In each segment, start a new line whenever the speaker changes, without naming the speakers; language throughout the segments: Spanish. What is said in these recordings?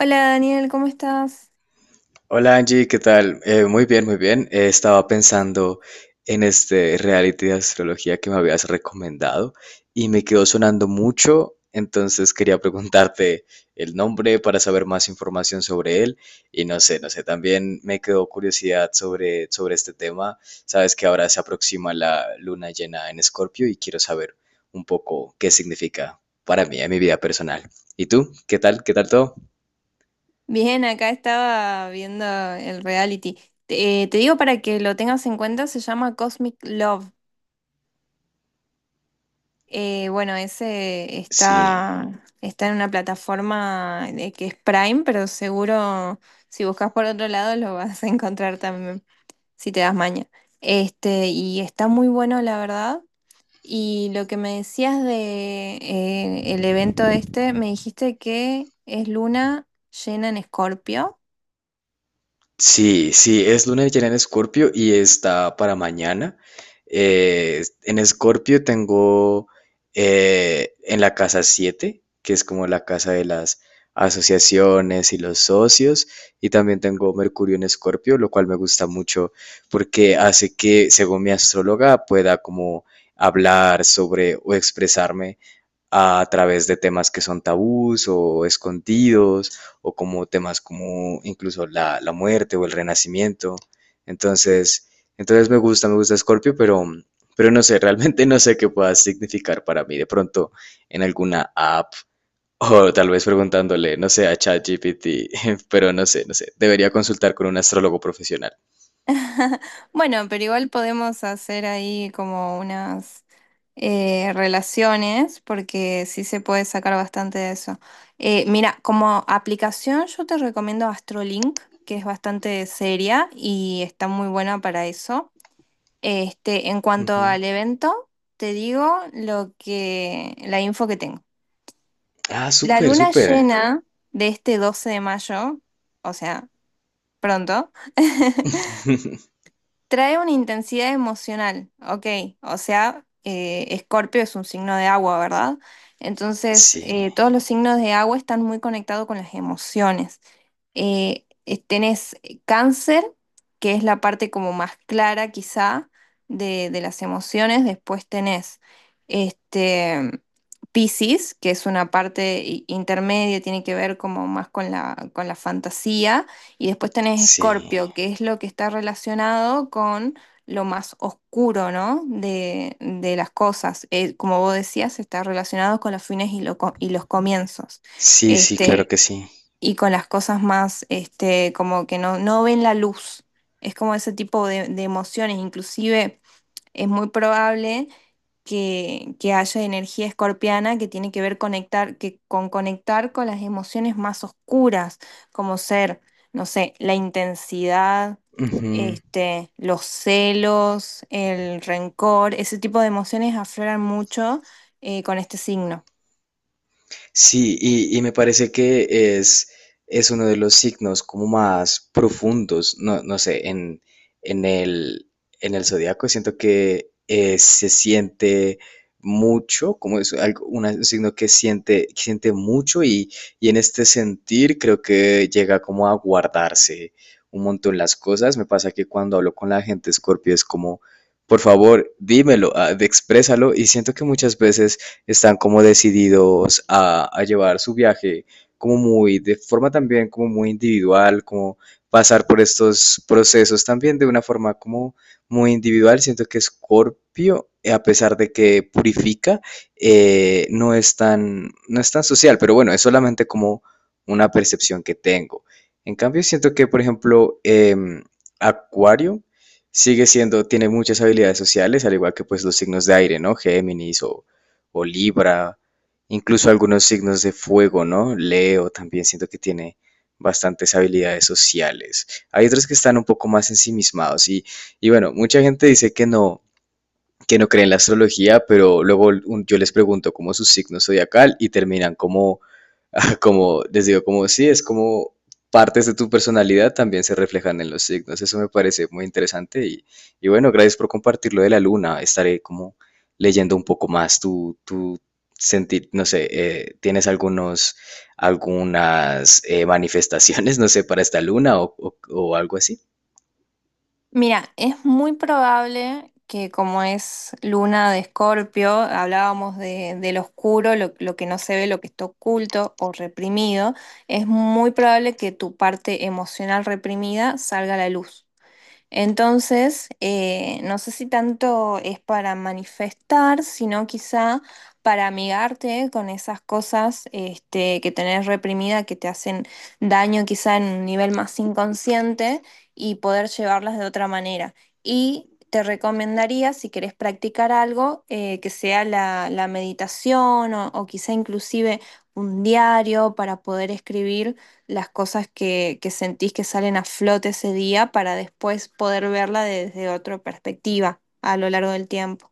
Hola Daniel, ¿cómo estás?
Hola Angie, ¿qué tal? Muy bien, muy bien. Estaba pensando en este reality de astrología que me habías recomendado y me quedó sonando mucho, entonces quería preguntarte el nombre para saber más información sobre él y no sé, también me quedó curiosidad sobre este tema. Sabes que ahora se aproxima la luna llena en Escorpio y quiero saber un poco qué significa para mí en mi vida personal. ¿Y tú? ¿Qué tal? ¿Qué tal todo?
Bien, acá estaba viendo el reality. Te digo para que lo tengas en cuenta, se llama Cosmic Love. Bueno, Ese
Sí.
está en una plataforma de- que es Prime, pero seguro si buscas por otro lado lo vas a encontrar también, si te das maña. Este, y está muy bueno, la verdad. Y lo que me decías de el evento este, me dijiste que es luna llena en Escorpio.
Sí, sí, es luna llena en Escorpio y está para mañana. En Escorpio tengo en la casa 7, que es como la casa de las asociaciones y los socios, y también tengo Mercurio en Escorpio, lo cual me gusta mucho porque hace que, según mi astróloga, pueda como hablar sobre o expresarme a través de temas que son tabús o escondidos, o como temas como incluso la muerte o el renacimiento. Entonces, entonces, me gusta Scorpio, pero no sé, realmente no sé qué pueda significar para mí. De pronto en alguna app o tal vez preguntándole, no sé, a ChatGPT, pero no sé, debería consultar con un astrólogo profesional.
Bueno, pero igual podemos hacer ahí como unas relaciones, porque sí se puede sacar bastante de eso. Mira, como aplicación yo te recomiendo Astrolink, que es bastante seria y está muy buena para eso. Este, en cuanto
Ujú.
al evento, te digo la info que tengo.
Ah,
La
súper,
luna
súper.
llena de este 12 de mayo, o sea, pronto. Trae una intensidad emocional, ok. O sea, Escorpio es un signo de agua, ¿verdad? Entonces,
Sí,
todos los signos de agua están muy conectados con las emociones tenés cáncer, que es la parte como más clara quizá de las emociones. Después tenés este, Piscis, que es una parte intermedia, tiene que ver como más con con la fantasía. Y después tenés
sí,
Escorpio, que es lo que está relacionado con lo más oscuro, ¿no? De las cosas. Como vos decías, está relacionado con los fines y los comienzos.
sí, sí, claro
Este,
que sí.
y con las cosas más, este, como que no ven la luz. Es como ese tipo de emociones. Inclusive es muy probable que haya energía escorpiana que tiene que ver con conectar con las emociones más oscuras, como ser, no sé, la intensidad,
Ujú.
este, los celos, el rencor. Ese tipo de emociones afloran mucho con este signo.
Sí, y me parece es uno de los signos como más profundos, no sé, en el, en el zodiaco siento que se siente mucho, como es algo, un signo que siente mucho y en este sentir creo que llega como a guardarse un montón las cosas. Me pasa que cuando hablo con la gente Scorpio es como, por favor, dímelo, ah, exprésalo y siento que muchas veces están como decididos a llevar su viaje como muy, de forma también como muy individual, como pasar por estos procesos también de una forma como muy individual. Siento que Scorpio, a pesar de que purifica, no, es tan, no es tan social, pero bueno, es solamente como una percepción que tengo. En cambio, siento que, por ejemplo, Acuario sigue siendo, tiene muchas habilidades sociales, al igual que pues los signos de aire, ¿no? Géminis o Libra, incluso algunos signos de fuego, ¿no? Leo también siento que tiene bastantes habilidades sociales. Hay otros que están un poco más ensimismados y bueno, mucha gente dice que no creen en la astrología, pero luego yo les pregunto como su signo zodiacal y terminan como, como, les digo, como sí, es como partes de tu personalidad también se reflejan en los signos. Eso me parece muy interesante y bueno, gracias por compartirlo de la luna. Estaré como leyendo un poco más tú tú sentir, no sé, ¿tienes algunos, algunas manifestaciones, no sé, para esta luna o, o algo así?
Mira, es muy probable que como es luna de Escorpio, hablábamos de lo oscuro, lo que no se ve, lo que está oculto o reprimido, es muy probable que tu parte emocional reprimida salga a la luz. Entonces, no sé si tanto es para manifestar, sino quizá para amigarte con esas cosas este, que tenés reprimida, que te hacen daño quizá en un nivel más inconsciente y poder llevarlas de otra manera. Y te recomendaría, si querés practicar algo, que sea la meditación o quizá inclusive un diario para poder escribir las cosas que sentís que salen a flote ese día para después poder verla desde otra perspectiva a lo largo del tiempo.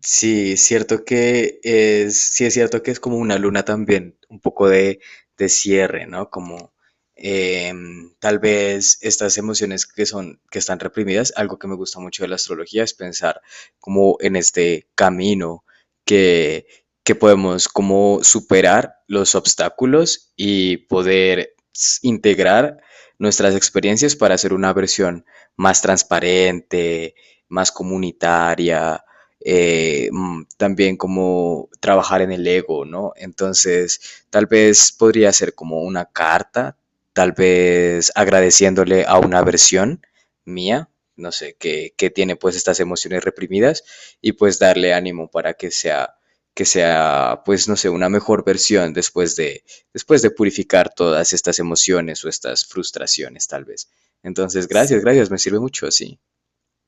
Sí, es cierto sí es cierto que es como una luna también, un poco de cierre, ¿no? Como tal vez estas emociones que están reprimidas, algo que me gusta mucho de la astrología es pensar como en este camino que, que podemos como superar los obstáculos y poder integrar nuestras experiencias para hacer una versión más transparente, más comunitaria también como trabajar en el ego, ¿no? Entonces, tal vez podría ser como una carta, tal vez agradeciéndole a una versión mía, no sé, que tiene pues estas emociones reprimidas y pues darle ánimo para que sea pues no sé, una mejor versión después de purificar todas estas emociones o estas frustraciones tal vez. Entonces, gracias, gracias, me sirve mucho, sí.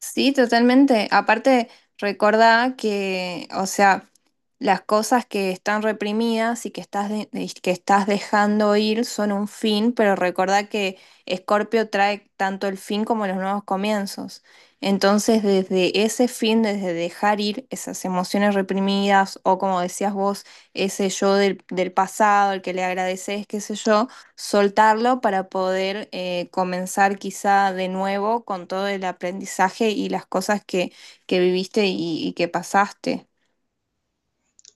Sí, totalmente. Aparte, recordá que, o sea, las cosas que están reprimidas y que que estás dejando ir son un fin, pero recordá que Escorpio trae tanto el fin como los nuevos comienzos. Entonces, desde ese fin, desde dejar ir esas emociones reprimidas o como decías vos, ese yo del pasado, el que le agradeces, qué sé yo soltarlo para poder comenzar quizá de nuevo con todo el aprendizaje y las cosas que viviste y que pasaste.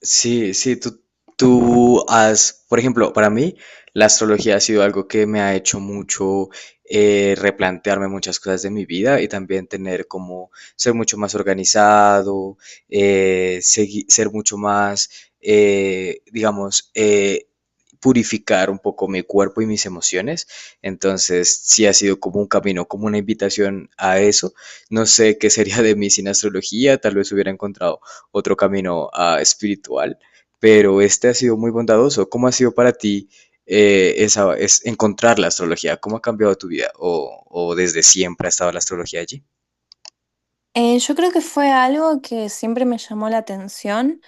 Sí, sí, tú has, por ejemplo, para mí la astrología ha sido algo que me ha hecho mucho replantearme muchas cosas de mi vida y también tener como ser mucho más organizado, ser mucho más, eh, digamos, eh, purificar un poco mi cuerpo y mis emociones. Entonces, sí ha sido como un camino, como una invitación a eso. No sé qué sería de mí sin astrología, tal vez hubiera encontrado otro camino ah, espiritual, pero este ha sido muy bondadoso. ¿Cómo ha sido para ti es encontrar la astrología? ¿Cómo ha cambiado tu vida? O desde siempre ha estado la astrología allí?
Yo creo que fue algo que siempre me llamó la atención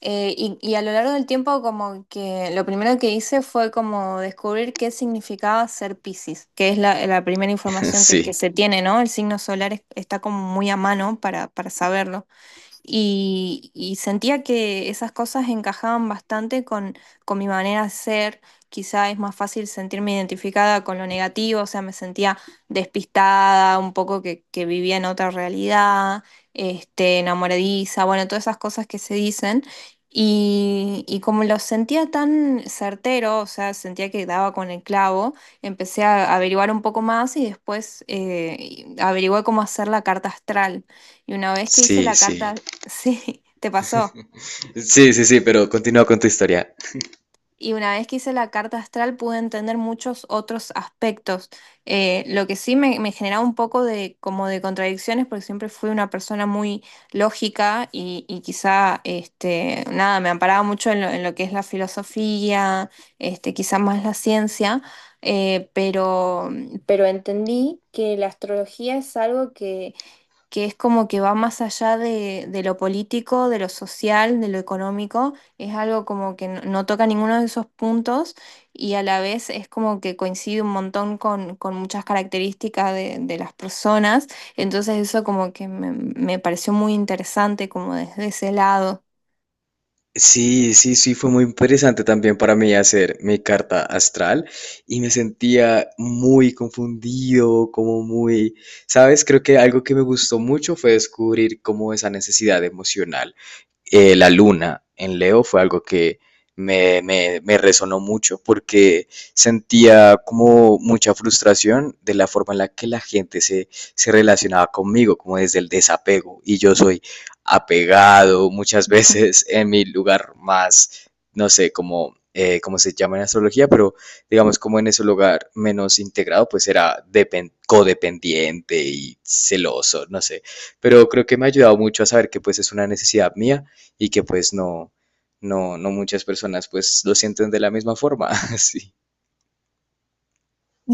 y a lo largo del tiempo como que lo primero que hice fue como descubrir qué significaba ser Piscis, que es la primera información que se tiene, ¿no? El signo solar está como muy a mano para saberlo. Y, y sentía que esas cosas encajaban bastante con mi manera de ser. Quizá es más fácil sentirme identificada con lo negativo, o sea, me sentía despistada, un poco que vivía en otra realidad, este, enamoradiza, bueno, todas esas cosas que se dicen. Y como lo sentía tan certero, o sea, sentía que daba con el clavo, empecé a averiguar un poco más y después averigué cómo hacer la carta astral. Y una vez que hice
Sí,
la
sí, sí.
carta, sí, te pasó.
Sí, sí, sí, pero continúa con tu historia.
Y una vez que hice la carta astral pude entender muchos otros aspectos. Lo que sí me generaba un poco de como de contradicciones porque siempre fui una persona muy lógica y quizá este, nada, me amparaba mucho en lo que es la filosofía, este, quizá más la ciencia, pero pero entendí que la astrología es algo que es como que va más allá de lo político, de lo social, de lo económico, es algo como que no, no toca ninguno de esos puntos y a la vez es como que coincide un montón con muchas características de las personas, entonces eso como que me pareció muy interesante como desde ese lado.
Sí, sí, sí, fue muy interesante también para mí hacer mi carta astral y me sentía muy confundido, como muy, ¿sabes? Creo que algo que me gustó mucho fue descubrir cómo esa necesidad emocional, la luna en Leo fue algo que me resonó mucho porque sentía como mucha frustración de la forma en la que la gente se relacionaba conmigo, como desde el desapego. Y yo soy apegado muchas veces en mi lugar más, no sé, como como se llama en astrología, pero digamos como en ese lugar menos integrado, pues era codependiente y celoso, no sé. Pero creo que me ha ayudado mucho a saber que pues es una necesidad mía y que pues no muchas personas pues lo sienten de la misma forma. Sí.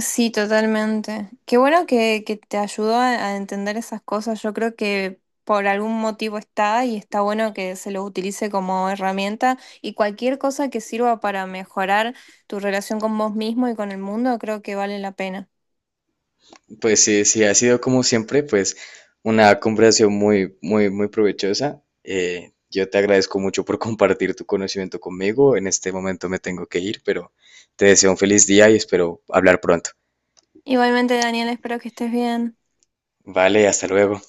Sí, totalmente. Qué bueno que te ayudó a entender esas cosas. Yo creo que por algún motivo está y está bueno que se lo utilice como herramienta y cualquier cosa que sirva para mejorar tu relación con vos mismo y con el mundo, creo que vale la pena.
Pues sí, sí, ha sido como siempre pues una conversación muy, muy, muy provechosa. Yo te agradezco mucho por compartir tu conocimiento conmigo. En este momento me tengo que ir, pero te deseo un feliz día y espero hablar pronto.
Igualmente, Daniel, espero que estés bien.
Vale, hasta luego.